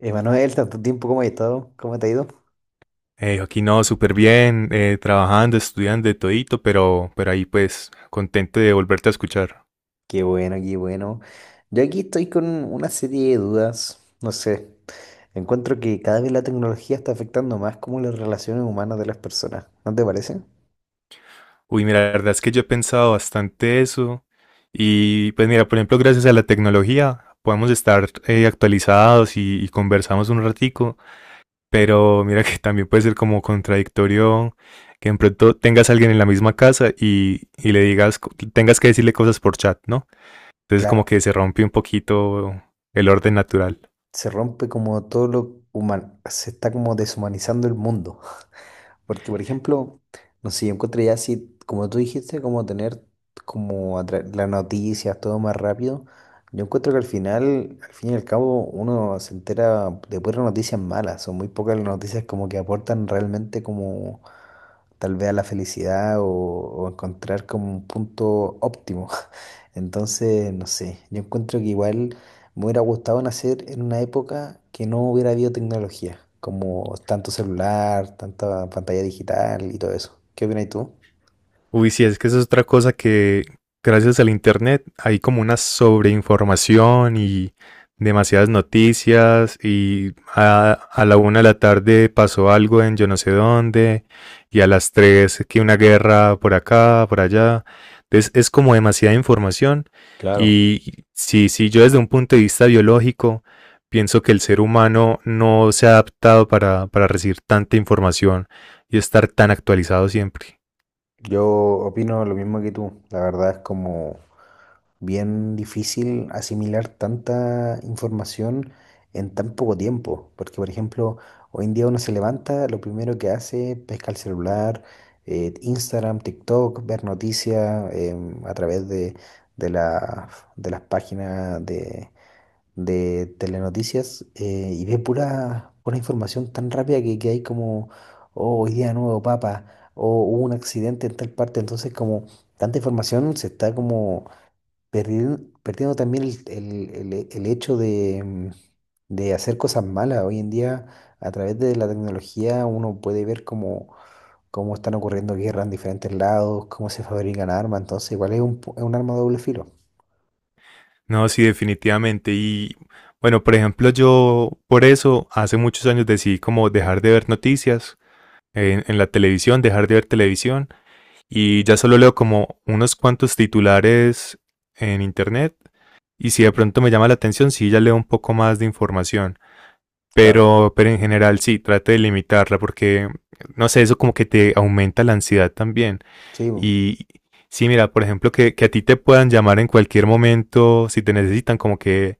Emanuel, tanto tiempo, ¿cómo has estado? ¿Cómo te ha ido? Aquí no, súper bien, trabajando, estudiando, de todito, pero ahí pues contento de volverte a escuchar. Qué bueno, qué bueno. Yo aquí estoy con una serie de dudas, no sé. Encuentro que cada vez la tecnología está afectando más como las relaciones humanas de las personas, ¿no te parece? Uy, mira, la verdad es que yo he pensado bastante eso y pues mira, por ejemplo, gracias a la tecnología podemos estar actualizados y conversamos un ratico, pero mira que también puede ser como contradictorio que en pronto tengas a alguien en la misma casa y le digas, tengas que decirle cosas por chat, ¿no? Entonces como que Claro, se rompe un poquito el orden natural. se rompe como todo lo humano, se está como deshumanizando el mundo. Porque, por ejemplo, no sé, yo encontré ya así, como tú dijiste, como tener las noticias, todo más rápido. Yo encuentro que al final, al fin y al cabo, uno se entera de puras noticias malas. Son muy pocas las noticias como que aportan realmente como tal vez a la felicidad o encontrar como un punto óptimo. Entonces, no sé, yo encuentro que igual me hubiera gustado nacer en una época que no hubiera habido tecnología, como tanto celular, tanta pantalla digital y todo eso. ¿Qué opinas tú? Uy, sí, es que eso es otra cosa que gracias al internet hay como una sobreinformación y demasiadas noticias y a la una de la tarde pasó algo en yo no sé dónde y a las tres que una guerra por acá, por allá. Entonces es como demasiada información Claro, y sí sí yo desde un punto de vista biológico pienso que el ser humano no se ha adaptado para recibir tanta información y estar tan actualizado siempre. yo opino lo mismo que tú. La verdad es como bien difícil asimilar tanta información en tan poco tiempo, porque por ejemplo, hoy en día uno se levanta, lo primero que hace, es pesca el celular, Instagram, TikTok, ver noticias a través de, la- de las páginas de telenoticias, y ve pura información tan rápida que hay como, oh, hoy día nuevo papa, o hubo un accidente en tal parte, entonces como tanta información se está como perdiendo también el hecho de, de hacer cosas malas. Hoy en día, a través de la tecnología, uno puede ver cómo, cómo están ocurriendo guerras en diferentes lados, cómo se fabrican armas. Entonces, igual es un, es un arma de doble filo. No, sí, definitivamente. Y bueno, por ejemplo, yo por eso hace muchos años decidí como dejar de ver noticias en la televisión, dejar de ver televisión y ya solo leo como unos cuantos titulares en internet y si de pronto me llama la atención, sí, ya leo un poco más de información. Claro. Pero en general sí, trate de limitarla porque, no sé, eso como que te aumenta la ansiedad también. Sí, Y sí, mira, por ejemplo, que a ti te puedan llamar en cualquier momento, si te necesitan, como que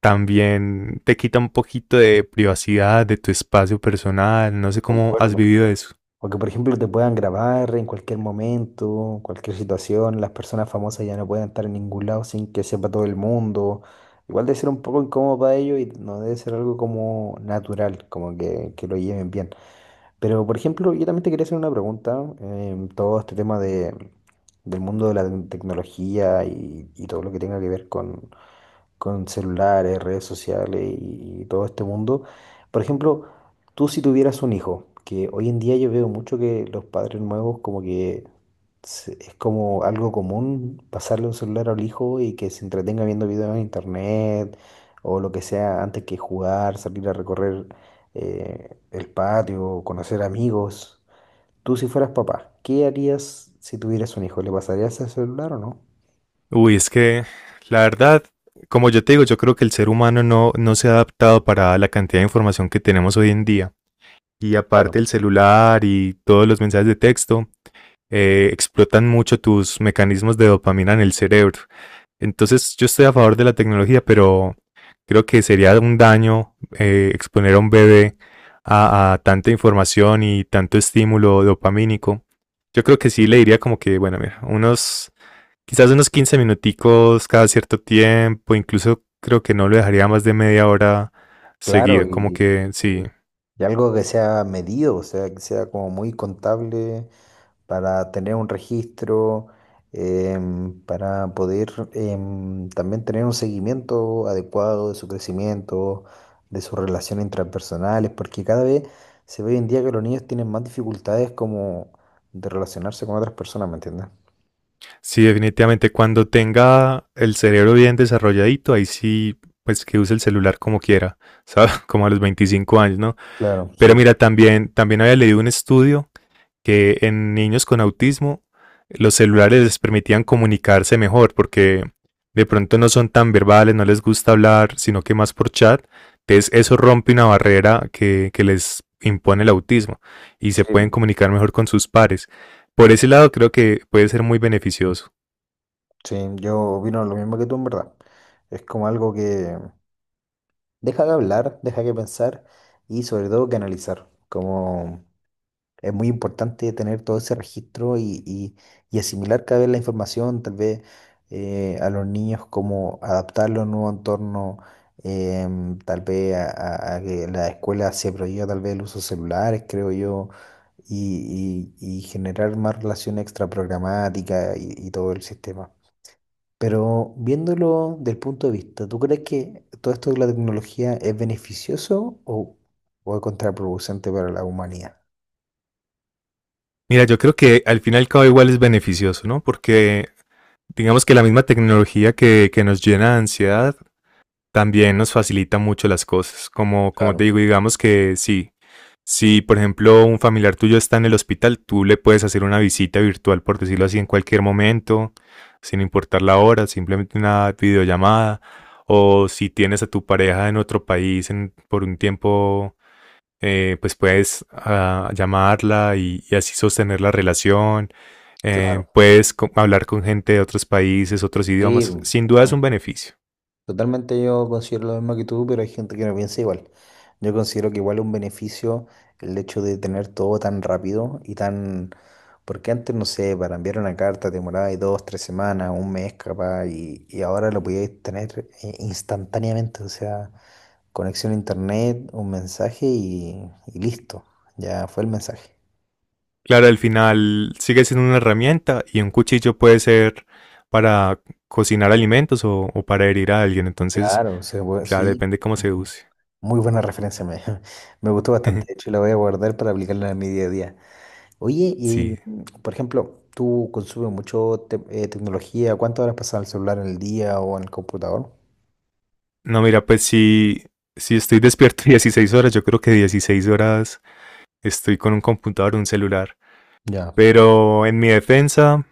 también te quita un poquito de privacidad, de tu espacio personal, no sé cómo has concuerdo. vivido eso. O que, por ejemplo, te puedan grabar en cualquier momento, cualquier situación. Las personas famosas ya no pueden estar en ningún lado sin que sepa todo el mundo. Igual debe ser un poco incómodo para ellos y no debe ser algo como natural, como que lo lleven bien. Pero, por ejemplo, yo también te quería hacer una pregunta. Todo este tema de, del mundo de la tecnología y todo lo que tenga que ver con celulares, redes sociales y todo este mundo. Por ejemplo, tú si tuvieras un hijo, que hoy en día yo veo mucho que los padres nuevos como que es como algo común pasarle un celular al hijo y que se entretenga viendo videos en internet o lo que sea antes que jugar, salir a recorrer, el patio, conocer amigos. Tú si fueras papá, ¿qué harías si tuvieras un hijo? ¿Le pasarías el celular o no? Uy, es que la verdad, como yo te digo, yo creo que el ser humano no se ha adaptado para la cantidad de información que tenemos hoy en día. Y aparte Claro. el celular y todos los mensajes de texto explotan mucho tus mecanismos de dopamina en el cerebro. Entonces yo estoy a favor de la tecnología, pero creo que sería un daño exponer a un bebé tanta información y tanto estímulo dopamínico. Yo creo que sí le diría como que, bueno, mira, quizás unos 15 minuticos cada cierto tiempo, incluso creo que no lo dejaría más de media hora Claro, seguido, como que sí, y- y algo que sea medido, o sea, que sea como muy contable para tener un registro, para poder, también tener un seguimiento adecuado de su crecimiento, de sus relaciones intrapersonales, porque cada vez se ve hoy en día que los niños tienen más dificultades como de relacionarse con otras personas, ¿me entiendes? sí, definitivamente cuando tenga el cerebro bien desarrolladito, ahí sí, pues que use el celular como quiera, ¿sabes? Como a los 25 años, ¿no? Claro, sí, Pero mira, también, también había leído un estudio que en niños con autismo los celulares les permitían comunicarse mejor porque de pronto no son tan verbales, no les gusta hablar, sino que más por chat. Entonces eso rompe una barrera que les impone el autismo y se sí, pueden comunicar mejor con sus pares. Por ese lado creo que puede ser muy beneficioso. sí, yo opino lo mismo que tú en verdad. Es como algo que deja de hablar, deja que pensar y sobre todo que analizar. Como es muy importante tener todo ese registro y asimilar cada vez la información, tal vez, a los niños como adaptarlo a un nuevo entorno, tal vez a que la escuela se prohíba tal vez el uso de celulares, creo yo, y generar más relación extraprogramática y todo el sistema. Pero viéndolo del punto de vista, ¿tú crees que todo esto de la tecnología es beneficioso o es contraproducente para la humanidad? Mira, yo creo que al final y al cabo igual es beneficioso, ¿no? Porque digamos que la misma tecnología que nos llena de ansiedad también nos facilita mucho las cosas. Como te Claro, digo, digamos que sí. Si, por ejemplo, un familiar tuyo está en el hospital, tú le puedes hacer una visita virtual, por decirlo así, en cualquier momento, sin importar la hora, simplemente una videollamada. O si tienes a tu pareja en otro país por un tiempo, pues puedes llamarla y así sostener la relación. Claro. Puedes hablar con gente de otros países, otros Sí, idiomas. Sin duda es total- un beneficio. totalmente yo considero lo mismo que tú, pero hay gente que no piensa igual. Yo considero que igual es un beneficio el hecho de tener todo tan rápido y tan... Porque antes, no sé, para enviar una carta te demoraba dos, tres semanas, un mes capaz, y ahora lo podías tener, instantáneamente. O sea, conexión a internet, un mensaje y listo. Ya fue el mensaje. Claro, al final sigue siendo una herramienta y un cuchillo puede ser para cocinar alimentos o para herir a alguien. Entonces, Claro, se puede- claro, sí. depende cómo se use. Muy buena referencia, me gustó bastante. De hecho, la voy a guardar para aplicarla en mi día a día. Oye, Sí. y por ejemplo, ¿tú consumes mucho tecnología? ¿Cuántas horas pasas al celular en el día o en el computador? No, mira, pues si, si estoy despierto 16 horas, yo creo que 16 horas estoy con un computador, un celular. Ya. Pero en mi defensa,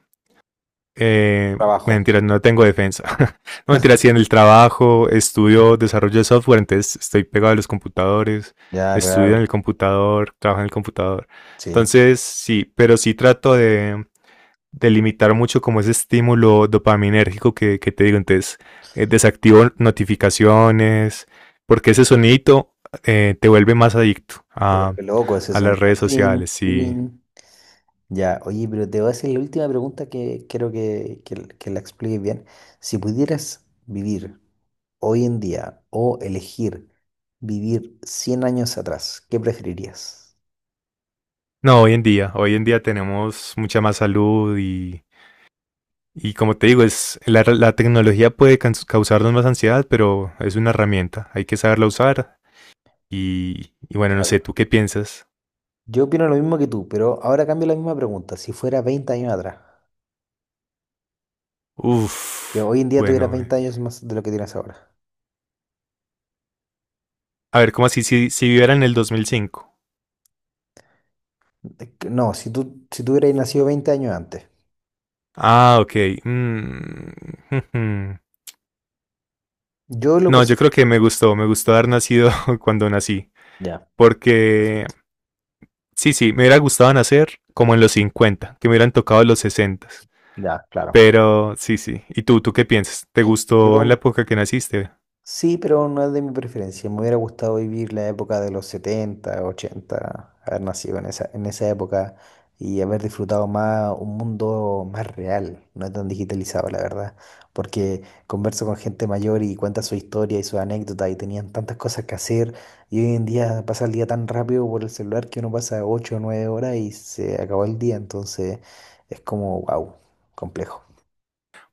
Trabajo. mentira, no tengo defensa. No, mentira, sí, en el trabajo estudio desarrollo de software, entonces estoy pegado a los computadores, Ya, estudio en el claro. computador, trabajo en el computador. Sí. Entonces, sí, pero sí trato de limitar mucho como ese estímulo dopaminérgico que te digo. Entonces, desactivo notificaciones, porque ese sonidito te vuelve más adicto Te a, vuelve loco ese a las sonido. redes Tirín, sociales. Y tirín. Ya, oye, pero te voy a hacer la última pregunta que quiero que, que la expliques bien. Si pudieras vivir hoy en día o elegir vivir 100 años atrás, ¿qué preferirías? no, hoy en día tenemos mucha más salud y como te digo, la tecnología puede causarnos más ansiedad, pero es una herramienta, hay que saberla usar. Y bueno, no sé, ¿tú Claro. qué piensas? Yo opino lo mismo que tú, pero ahora cambio la misma pregunta. Si fuera 20 años atrás, que Uf, hoy en día tuvieras bueno, 20 años más de lo que tienes ahora. a ver, ¿cómo así? Si, si viviera en el 2005. No, si tú hubieras nacido 20 años antes. Ah, ok. Mm. Ujú. Yo lo No, yo personal. creo que me gustó haber nacido cuando nací, Ya, porque perfecto. sí, sí, me hubiera gustado nacer como en los 50, que me hubieran tocado los 60. Ya, claro. Pero sí, sí. ¿Y tú qué piensas? ¿Te gustó en la Yo, época que naciste? sí, pero no es de mi preferencia. Me hubiera gustado vivir la época de los 70, 80, haber nacido en esa época y haber disfrutado más un mundo más real, no tan digitalizado, la verdad. Porque converso con gente mayor y cuenta su historia y su anécdota y tenían tantas cosas que hacer, y hoy en día pasa el día tan rápido por el celular que uno pasa 8 o 9 horas y se acabó el día. Entonces es como, wow, complejo.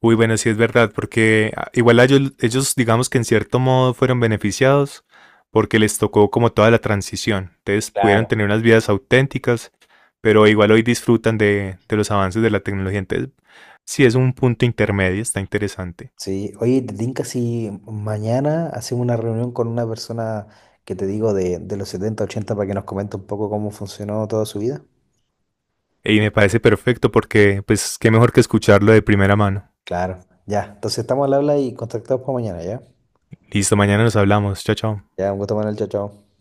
Uy, bueno, sí es verdad, porque igual a ellos, digamos que en cierto modo fueron beneficiados porque les tocó como toda la transición. Entonces pudieron Claro. tener unas vidas auténticas, pero igual hoy disfrutan de los avances de la tecnología. Entonces, sí es un punto intermedio, está interesante. Sí, oye, te tinca si mañana hacemos una reunión con una persona que te digo de los 70 80 para que nos comente un poco cómo funcionó toda su vida. Y me parece perfecto porque, pues, qué mejor que escucharlo de primera mano. Claro, ya. Entonces estamos al habla y contactados para mañana, ¿ya? Listo, mañana nos hablamos. Chao, chao. Ya, un gusto, Manuel, chao, chao.